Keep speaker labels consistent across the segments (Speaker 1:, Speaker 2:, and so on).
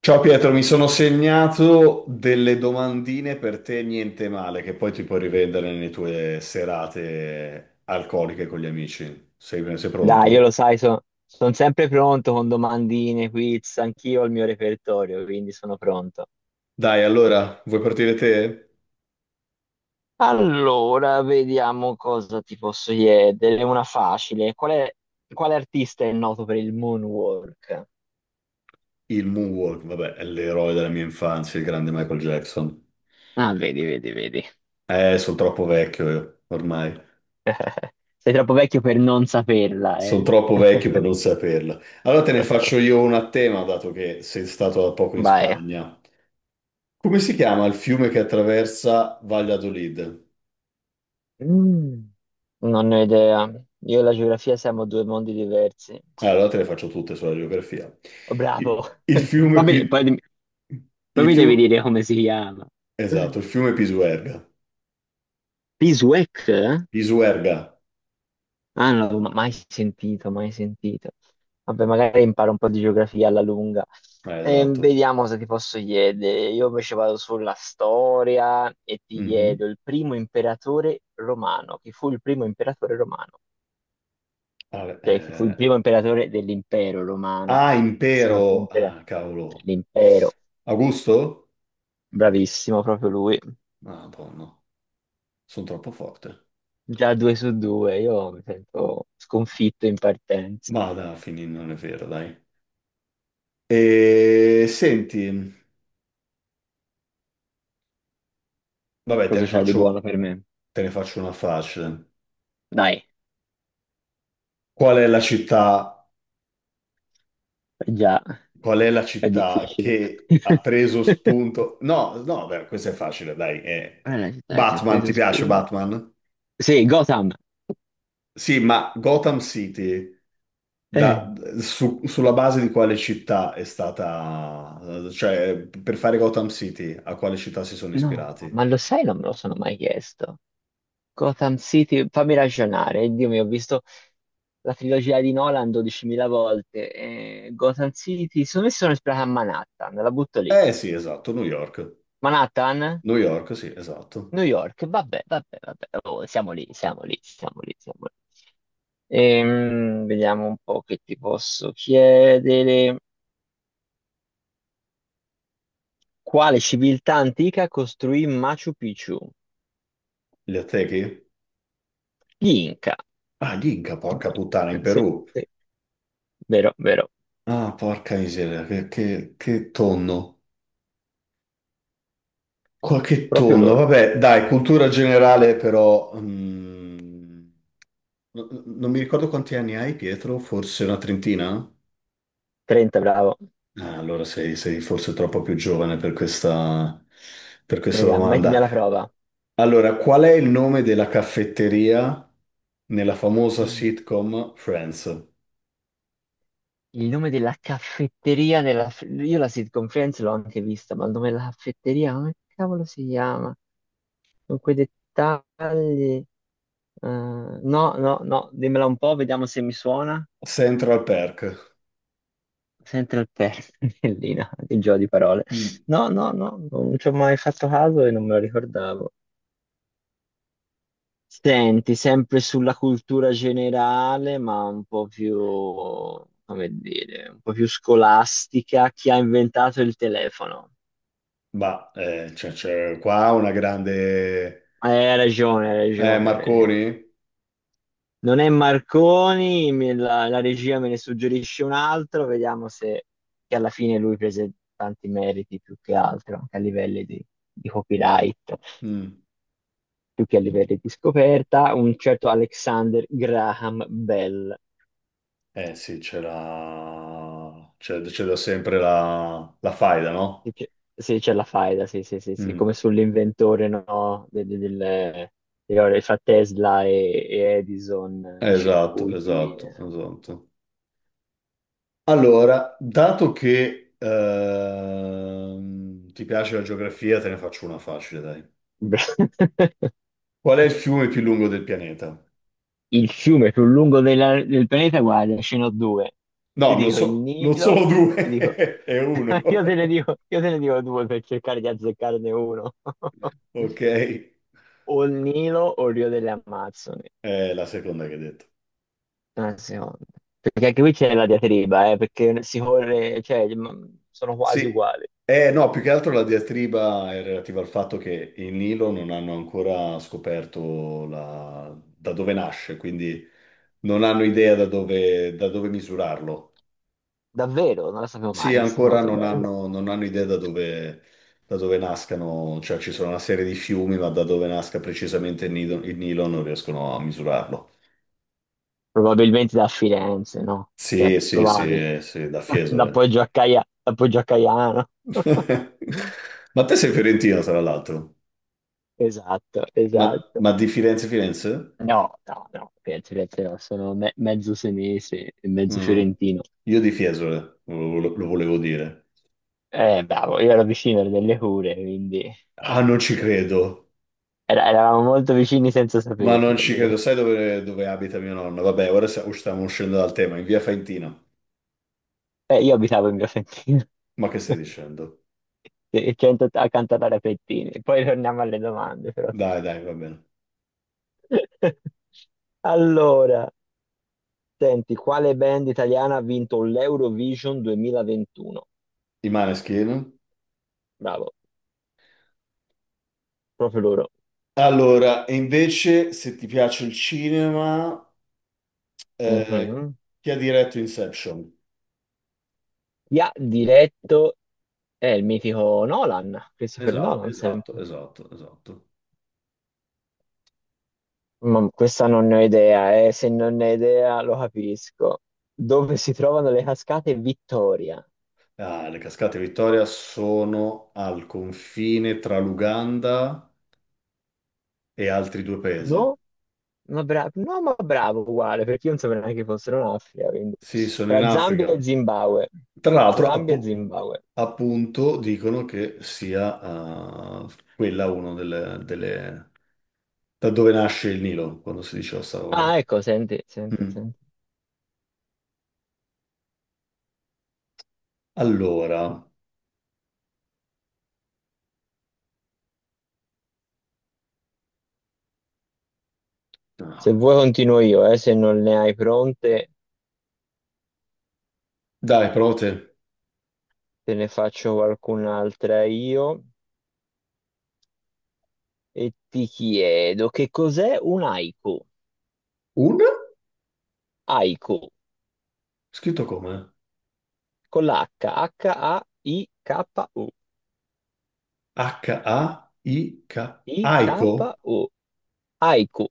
Speaker 1: Ciao Pietro, mi sono segnato delle domandine per te, niente male, che poi ti puoi rivendere nelle tue serate alcoliche con gli amici. Sei
Speaker 2: Dai, io lo
Speaker 1: pronto?
Speaker 2: sai, sono sempre pronto con domandine, quiz, anch'io ho il mio repertorio, quindi sono pronto.
Speaker 1: Dai, allora, vuoi partire te?
Speaker 2: Allora, vediamo cosa ti posso chiedere. Una facile. Quale artista è noto per il moonwalk?
Speaker 1: Il Moonwalk, vabbè, è l'eroe della mia infanzia, il grande Michael Jackson.
Speaker 2: Ah, vedi, vedi, vedi.
Speaker 1: Sono troppo vecchio io, ormai.
Speaker 2: Sei troppo vecchio per non saperla,
Speaker 1: Sono
Speaker 2: eh?
Speaker 1: troppo vecchio per non saperla. Allora te ne faccio io una a tema, dato che sei stato da poco in
Speaker 2: Vai.
Speaker 1: Spagna. Come si chiama il fiume che attraversa Valladolid?
Speaker 2: Mm, non ne ho idea. Io e la geografia siamo due mondi diversi.
Speaker 1: Allora te le faccio tutte sulla geografia.
Speaker 2: Oh, bravo.
Speaker 1: Il fiume
Speaker 2: Poi,
Speaker 1: più.
Speaker 2: poi
Speaker 1: Il
Speaker 2: mi devi
Speaker 1: fiume.
Speaker 2: dire come si chiama.
Speaker 1: Esatto, il fiume Pisuerga.
Speaker 2: Beeswax? Ah,
Speaker 1: Pisuerga.
Speaker 2: non l'avevo mai sentito, mai sentito. Vabbè, magari imparo un po' di geografia alla lunga.
Speaker 1: Ah, esatto.
Speaker 2: Vediamo se ti posso chiedere. Io invece vado sulla storia e ti
Speaker 1: Mhm.
Speaker 2: chiedo il primo imperatore romano. Chi fu il primo imperatore romano?
Speaker 1: Vabbè,
Speaker 2: Cioè, chi fu il
Speaker 1: eh,
Speaker 2: primo imperatore dell'impero romano?
Speaker 1: Ah,
Speaker 2: Perché se no il primo
Speaker 1: impero.
Speaker 2: imperatore
Speaker 1: Ah, cavolo.
Speaker 2: dell'impero.
Speaker 1: Augusto?
Speaker 2: Bravissimo, proprio lui.
Speaker 1: Ah, buono. Sono troppo forte.
Speaker 2: Già due su due, io mi sento sconfitto in partenza.
Speaker 1: Ma dai, fini, non è vero, dai. E senti, vabbè, te ne
Speaker 2: Cosa c'è di buono
Speaker 1: faccio,
Speaker 2: per me?
Speaker 1: te ne faccio una facile.
Speaker 2: Dai.
Speaker 1: Qual è la città.
Speaker 2: Eh già,
Speaker 1: Qual è la
Speaker 2: è
Speaker 1: città
Speaker 2: difficile.
Speaker 1: che ha preso spunto? No, no, beh, questo è facile, dai.
Speaker 2: Qual è la città che ha
Speaker 1: Batman, ti
Speaker 2: preso
Speaker 1: piace
Speaker 2: spunto?
Speaker 1: Batman?
Speaker 2: Sì, Gotham.
Speaker 1: Sì, ma Gotham City,
Speaker 2: Eh,
Speaker 1: da- sulla base di quale città è stata. Cioè, per fare Gotham City, a quale città si sono
Speaker 2: no,
Speaker 1: ispirati?
Speaker 2: ma lo sai, non me lo sono mai chiesto. Gotham City, fammi ragionare. Dio mio, ho visto la trilogia di Nolan 12.000 volte. Gotham City, secondo me si sono ispirata a Manhattan, la butto lì.
Speaker 1: Eh sì, esatto, New York.
Speaker 2: Manhattan,
Speaker 1: New York, sì, esatto.
Speaker 2: New York, vabbè, vabbè, vabbè. Oh, siamo lì, siamo lì, siamo lì, siamo lì. Vediamo un po' che ti posso chiedere. Quale civiltà antica costruì Machu Picchu?
Speaker 1: Gli Aztechi?
Speaker 2: Gli Inca.
Speaker 1: Ah, gli Inca,
Speaker 2: Gli
Speaker 1: porca puttana, in
Speaker 2: Inca, sì,
Speaker 1: Perù.
Speaker 2: sì, vero, vero,
Speaker 1: Ah, porca miseria, che tonno. Qualche
Speaker 2: proprio
Speaker 1: tonno,
Speaker 2: loro.
Speaker 1: vabbè, dai, cultura generale però, non mi ricordo quanti anni hai, Pietro, forse una trentina?
Speaker 2: 30, bravo.
Speaker 1: Ah, allora sei forse troppo più giovane per questa
Speaker 2: Vediamo, mettimi
Speaker 1: domanda.
Speaker 2: alla prova.
Speaker 1: Allora, qual è il nome della caffetteria nella famosa
Speaker 2: Mm.
Speaker 1: sitcom Friends?
Speaker 2: Il nome della caffetteria nella. Io la sitcom Friends l'ho anche vista, ma il nome della caffetteria, come cavolo si chiama? Con quei dettagli. eh, no, no, no, dimmela un po', vediamo se mi suona.
Speaker 1: Central Perk.
Speaker 2: Sempre il pennellina, il gioco di parole.
Speaker 1: Mm,
Speaker 2: No, no, no, non ci ho mai fatto caso e non me lo ricordavo. Senti, sempre sulla cultura generale, ma un po' più, come dire, un po' più scolastica, chi ha inventato il telefono?
Speaker 1: bah, c'è qua una grande.
Speaker 2: Hai ragione, hai ragione, hai ragione.
Speaker 1: Marconi?
Speaker 2: Non è Marconi, me la regia me ne suggerisce un altro, vediamo se che alla fine lui prese tanti meriti più che altro, anche a livelli di copyright,
Speaker 1: Mm.
Speaker 2: più che a livelli di scoperta, un certo Alexander Graham Bell.
Speaker 1: Eh sì, c'è da sempre la faida,
Speaker 2: Sì,
Speaker 1: no?
Speaker 2: c'è sì, c'è la faida, sì, sì, sì, sì,
Speaker 1: Mm.
Speaker 2: come sull'inventore, no? Fra Tesla e Edison, dei
Speaker 1: Esatto,
Speaker 2: circuiti.
Speaker 1: esatto, esatto. Allora, dato che ti piace la geografia, te ne faccio una facile, dai. Qual è il fiume più lungo del pianeta?
Speaker 2: Il fiume più lungo del planeta, guarda, ce n'ho due. Ti
Speaker 1: No, non
Speaker 2: dico il
Speaker 1: so, non sono
Speaker 2: Nilo, ti
Speaker 1: due,
Speaker 2: dico.
Speaker 1: è uno.
Speaker 2: Io te ne dico, io te ne dico due per cercare di azzeccarne uno.
Speaker 1: Ok,
Speaker 2: O il Nilo o il Rio delle Amazzoni.
Speaker 1: è la seconda che hai detto.
Speaker 2: Una seconda. Perché anche qui c'è la diatriba, perché si corre, cioè, sono quasi
Speaker 1: Sì,
Speaker 2: uguali.
Speaker 1: no, più che altro la diatriba è relativa al fatto che il Nilo non hanno ancora scoperto da dove nasce, quindi non hanno idea da dove misurarlo.
Speaker 2: Davvero, non la sapevo mai,
Speaker 1: Sì,
Speaker 2: questa
Speaker 1: ancora
Speaker 2: nota
Speaker 1: non
Speaker 2: bella.
Speaker 1: hanno, non hanno idea da dove nascano, cioè ci sono una serie di fiumi, ma da dove nasca precisamente il Nilo non riescono a misurarlo.
Speaker 2: Probabilmente da Firenze, no? Cioè,
Speaker 1: Sì, sì,
Speaker 2: probabile.
Speaker 1: sì, sì, da
Speaker 2: Da
Speaker 1: Fiesole.
Speaker 2: Da Poggio a Caiano.
Speaker 1: Ma te sei fiorentino, tra l'altro.
Speaker 2: Esatto,
Speaker 1: Ma,
Speaker 2: esatto.
Speaker 1: ma di Firenze, Firenze?
Speaker 2: No, no, no, Firenze, Firenze no, sono mezzo senese e mezzo
Speaker 1: Mm.
Speaker 2: fiorentino.
Speaker 1: Io di Fiesole, lo volevo dire.
Speaker 2: Bravo, io ero vicino ero delle Cure, quindi
Speaker 1: Ah, non ci credo.
Speaker 2: eravamo molto vicini senza
Speaker 1: Ma non
Speaker 2: saperlo.
Speaker 1: ci
Speaker 2: Sì.
Speaker 1: credo. Sai dove abita mio nonno? Vabbè, ora stiamo uscendo dal tema, in via Faentina.
Speaker 2: Io abitavo in via Fentina.
Speaker 1: Ma che stai dicendo?
Speaker 2: Sì, 180 cantata a pettini. Poi torniamo alle domande, però.
Speaker 1: Dai, dai, va bene.
Speaker 2: Allora, senti, quale band italiana ha vinto l'Eurovision 2021?
Speaker 1: I Maneskin?
Speaker 2: Bravo, proprio loro.
Speaker 1: Allora, e invece, se ti piace il cinema, eh,
Speaker 2: Mhm.
Speaker 1: chi ha diretto Inception?
Speaker 2: Chi ha diretto è il mitico Nolan, Christopher
Speaker 1: Esatto,
Speaker 2: Nolan
Speaker 1: esatto,
Speaker 2: sempre.
Speaker 1: esatto, esatto.
Speaker 2: Ma questa non ne ho idea, eh. Se non ne ho idea lo capisco. Dove si trovano le cascate Vittoria?
Speaker 1: Ah, le cascate Vittoria sono al confine tra l'Uganda e altri due paesi.
Speaker 2: No? Ma bravo, no, ma bravo uguale, perché io non sapevo neanche che fossero in Africa, quindi.
Speaker 1: Sì, sono in
Speaker 2: Tra Zambia e
Speaker 1: Africa.
Speaker 2: Zimbabwe.
Speaker 1: Tra l'altro,
Speaker 2: Zambia e
Speaker 1: appu-
Speaker 2: Zimbabwe.
Speaker 1: appunto, dicono che sia quella una delle da dove nasce il Nilo, quando si diceva sta roba
Speaker 2: Ah,
Speaker 1: qua.
Speaker 2: ecco, senti, senti,
Speaker 1: Mm.
Speaker 2: senti.
Speaker 1: Allora,
Speaker 2: Se vuoi continuo io, se non ne hai pronte,
Speaker 1: dai, prova te.
Speaker 2: te ne faccio qualcun'altra io e ti chiedo che cos'è un haiku?
Speaker 1: Un?
Speaker 2: Haiku,
Speaker 1: Scritto come?
Speaker 2: con l'H, HAIKU,
Speaker 1: H-A-I-K. Aiko?
Speaker 2: I-K-U, haiku.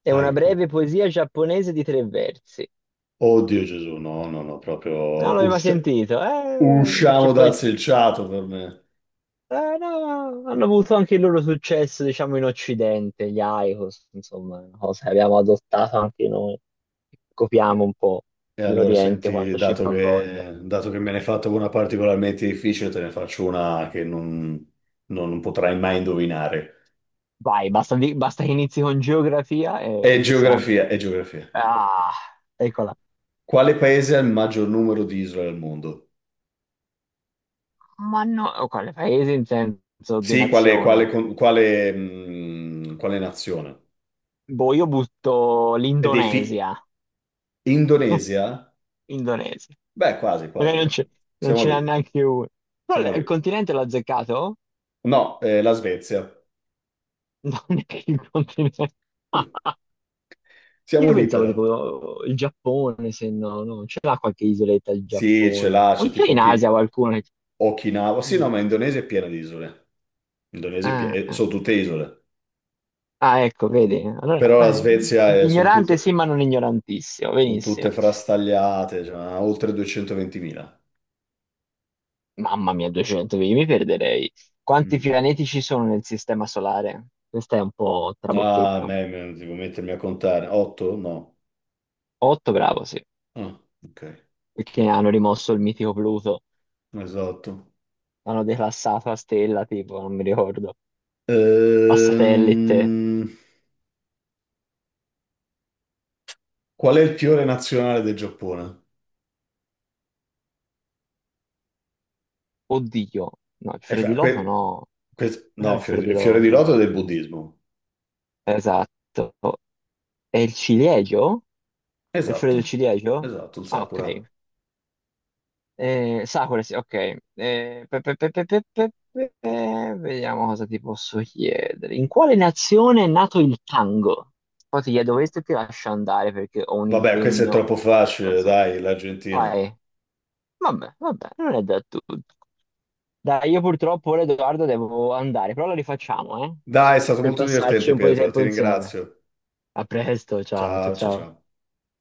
Speaker 2: È una
Speaker 1: Aiko.
Speaker 2: breve poesia giapponese di tre versi.
Speaker 1: Oddio Gesù, no, no, no,
Speaker 2: Non
Speaker 1: proprio
Speaker 2: l'avevo mai sentito. C'è
Speaker 1: usciamo dal
Speaker 2: poi.
Speaker 1: selciato per me.
Speaker 2: No, hanno avuto anche il loro successo, diciamo, in Occidente, gli Icos, insomma, una cosa che abbiamo adottato anche noi. Copiamo un po'
Speaker 1: E allora
Speaker 2: l'Oriente
Speaker 1: senti,
Speaker 2: quando ci
Speaker 1: dato
Speaker 2: fa voglia.
Speaker 1: che, dato che me ne hai fatto una particolarmente difficile, te ne faccio una che non potrai mai indovinare.
Speaker 2: Vai, basta, basta che inizi con geografia e,
Speaker 1: È
Speaker 2: e ci siamo.
Speaker 1: geografia, è geografia.
Speaker 2: Ah, eccola.
Speaker 1: Quale paese ha il maggior numero di isole al mondo?
Speaker 2: Ma no, oh, quale paese in senso di
Speaker 1: Sì, quale, quale
Speaker 2: nazione?
Speaker 1: con- quale, mh, quale nazione?
Speaker 2: Boh, io butto
Speaker 1: E dei fi-.
Speaker 2: l'Indonesia.
Speaker 1: Indonesia?
Speaker 2: Indonesia.
Speaker 1: Beh, quasi,
Speaker 2: Magari
Speaker 1: quasi.
Speaker 2: non
Speaker 1: Siamo
Speaker 2: ce n'ha
Speaker 1: lì,
Speaker 2: neanche uno. Però
Speaker 1: siamo
Speaker 2: il
Speaker 1: lì.
Speaker 2: continente l'ha azzeccato?
Speaker 1: No, la Svezia.
Speaker 2: Non neanche il continente.
Speaker 1: Siamo
Speaker 2: Io
Speaker 1: lì
Speaker 2: pensavo
Speaker 1: però.
Speaker 2: tipo oh, il Giappone, se no, no, ce l'ha qualche isoletta il
Speaker 1: Sì, ce
Speaker 2: Giappone.
Speaker 1: l'ha,
Speaker 2: O
Speaker 1: c'è
Speaker 2: c'è
Speaker 1: tipo
Speaker 2: in Asia qualcuno che.
Speaker 1: Okinawa. Sì, no,
Speaker 2: Mm.
Speaker 1: ma Indonesia è piena di isole. Indonesia,
Speaker 2: Ah, ah.
Speaker 1: sono tutte isole,
Speaker 2: Ah, ecco, vedi? Allora,
Speaker 1: però la Svezia sono
Speaker 2: ignorante sì,
Speaker 1: tutte,
Speaker 2: ma non ignorantissimo,
Speaker 1: son
Speaker 2: benissimo.
Speaker 1: tutte frastagliate, cioè, ha oltre 220.000.
Speaker 2: Mamma mia, 200, io mi perderei. Quanti
Speaker 1: Mm.
Speaker 2: pianeti ci sono nel sistema solare? Questo è un po'
Speaker 1: Ah, a
Speaker 2: trabocchetto.
Speaker 1: me, me- devo mettermi a contare. 8? No.
Speaker 2: Otto, bravo, sì,
Speaker 1: Ah, ok,
Speaker 2: perché hanno rimosso il mitico Pluto.
Speaker 1: esatto.
Speaker 2: L'hanno declassato a stella, tipo, non mi ricordo. A satellite.
Speaker 1: Ehm, qual è il fiore nazionale del Giappone?
Speaker 2: Oddio. No, il
Speaker 1: Eh, fa- que-
Speaker 2: Frediloto no.
Speaker 1: que-
Speaker 2: Non è
Speaker 1: no,
Speaker 2: il
Speaker 1: il fiore di
Speaker 2: Frediloto.
Speaker 1: loto è del buddismo.
Speaker 2: Esatto. È il ciliegio? È il fiore del
Speaker 1: Esatto,
Speaker 2: ciliegio?
Speaker 1: esatto, il
Speaker 2: Ah, ok.
Speaker 1: sakura.
Speaker 2: Sakura, sì, ok. Vediamo cosa ti posso chiedere. In quale nazione è nato il tango? Poi ti chiedo questo e ti lascio andare perché ho un
Speaker 1: Vabbè, questo è
Speaker 2: impegno
Speaker 1: troppo facile,
Speaker 2: abbastanza.
Speaker 1: dai, l'Argentina.
Speaker 2: Dai, vabbè, vabbè, non è da tutti. Dai, io purtroppo ora Edoardo devo andare, però la rifacciamo, eh?
Speaker 1: Dai, è stato
Speaker 2: Per
Speaker 1: molto
Speaker 2: passarci
Speaker 1: divertente,
Speaker 2: un po' di
Speaker 1: Pietro, ti
Speaker 2: tempo insieme.
Speaker 1: ringrazio.
Speaker 2: A presto, ciao, ciao,
Speaker 1: Ciao, ciao,
Speaker 2: ciao.
Speaker 1: ciao.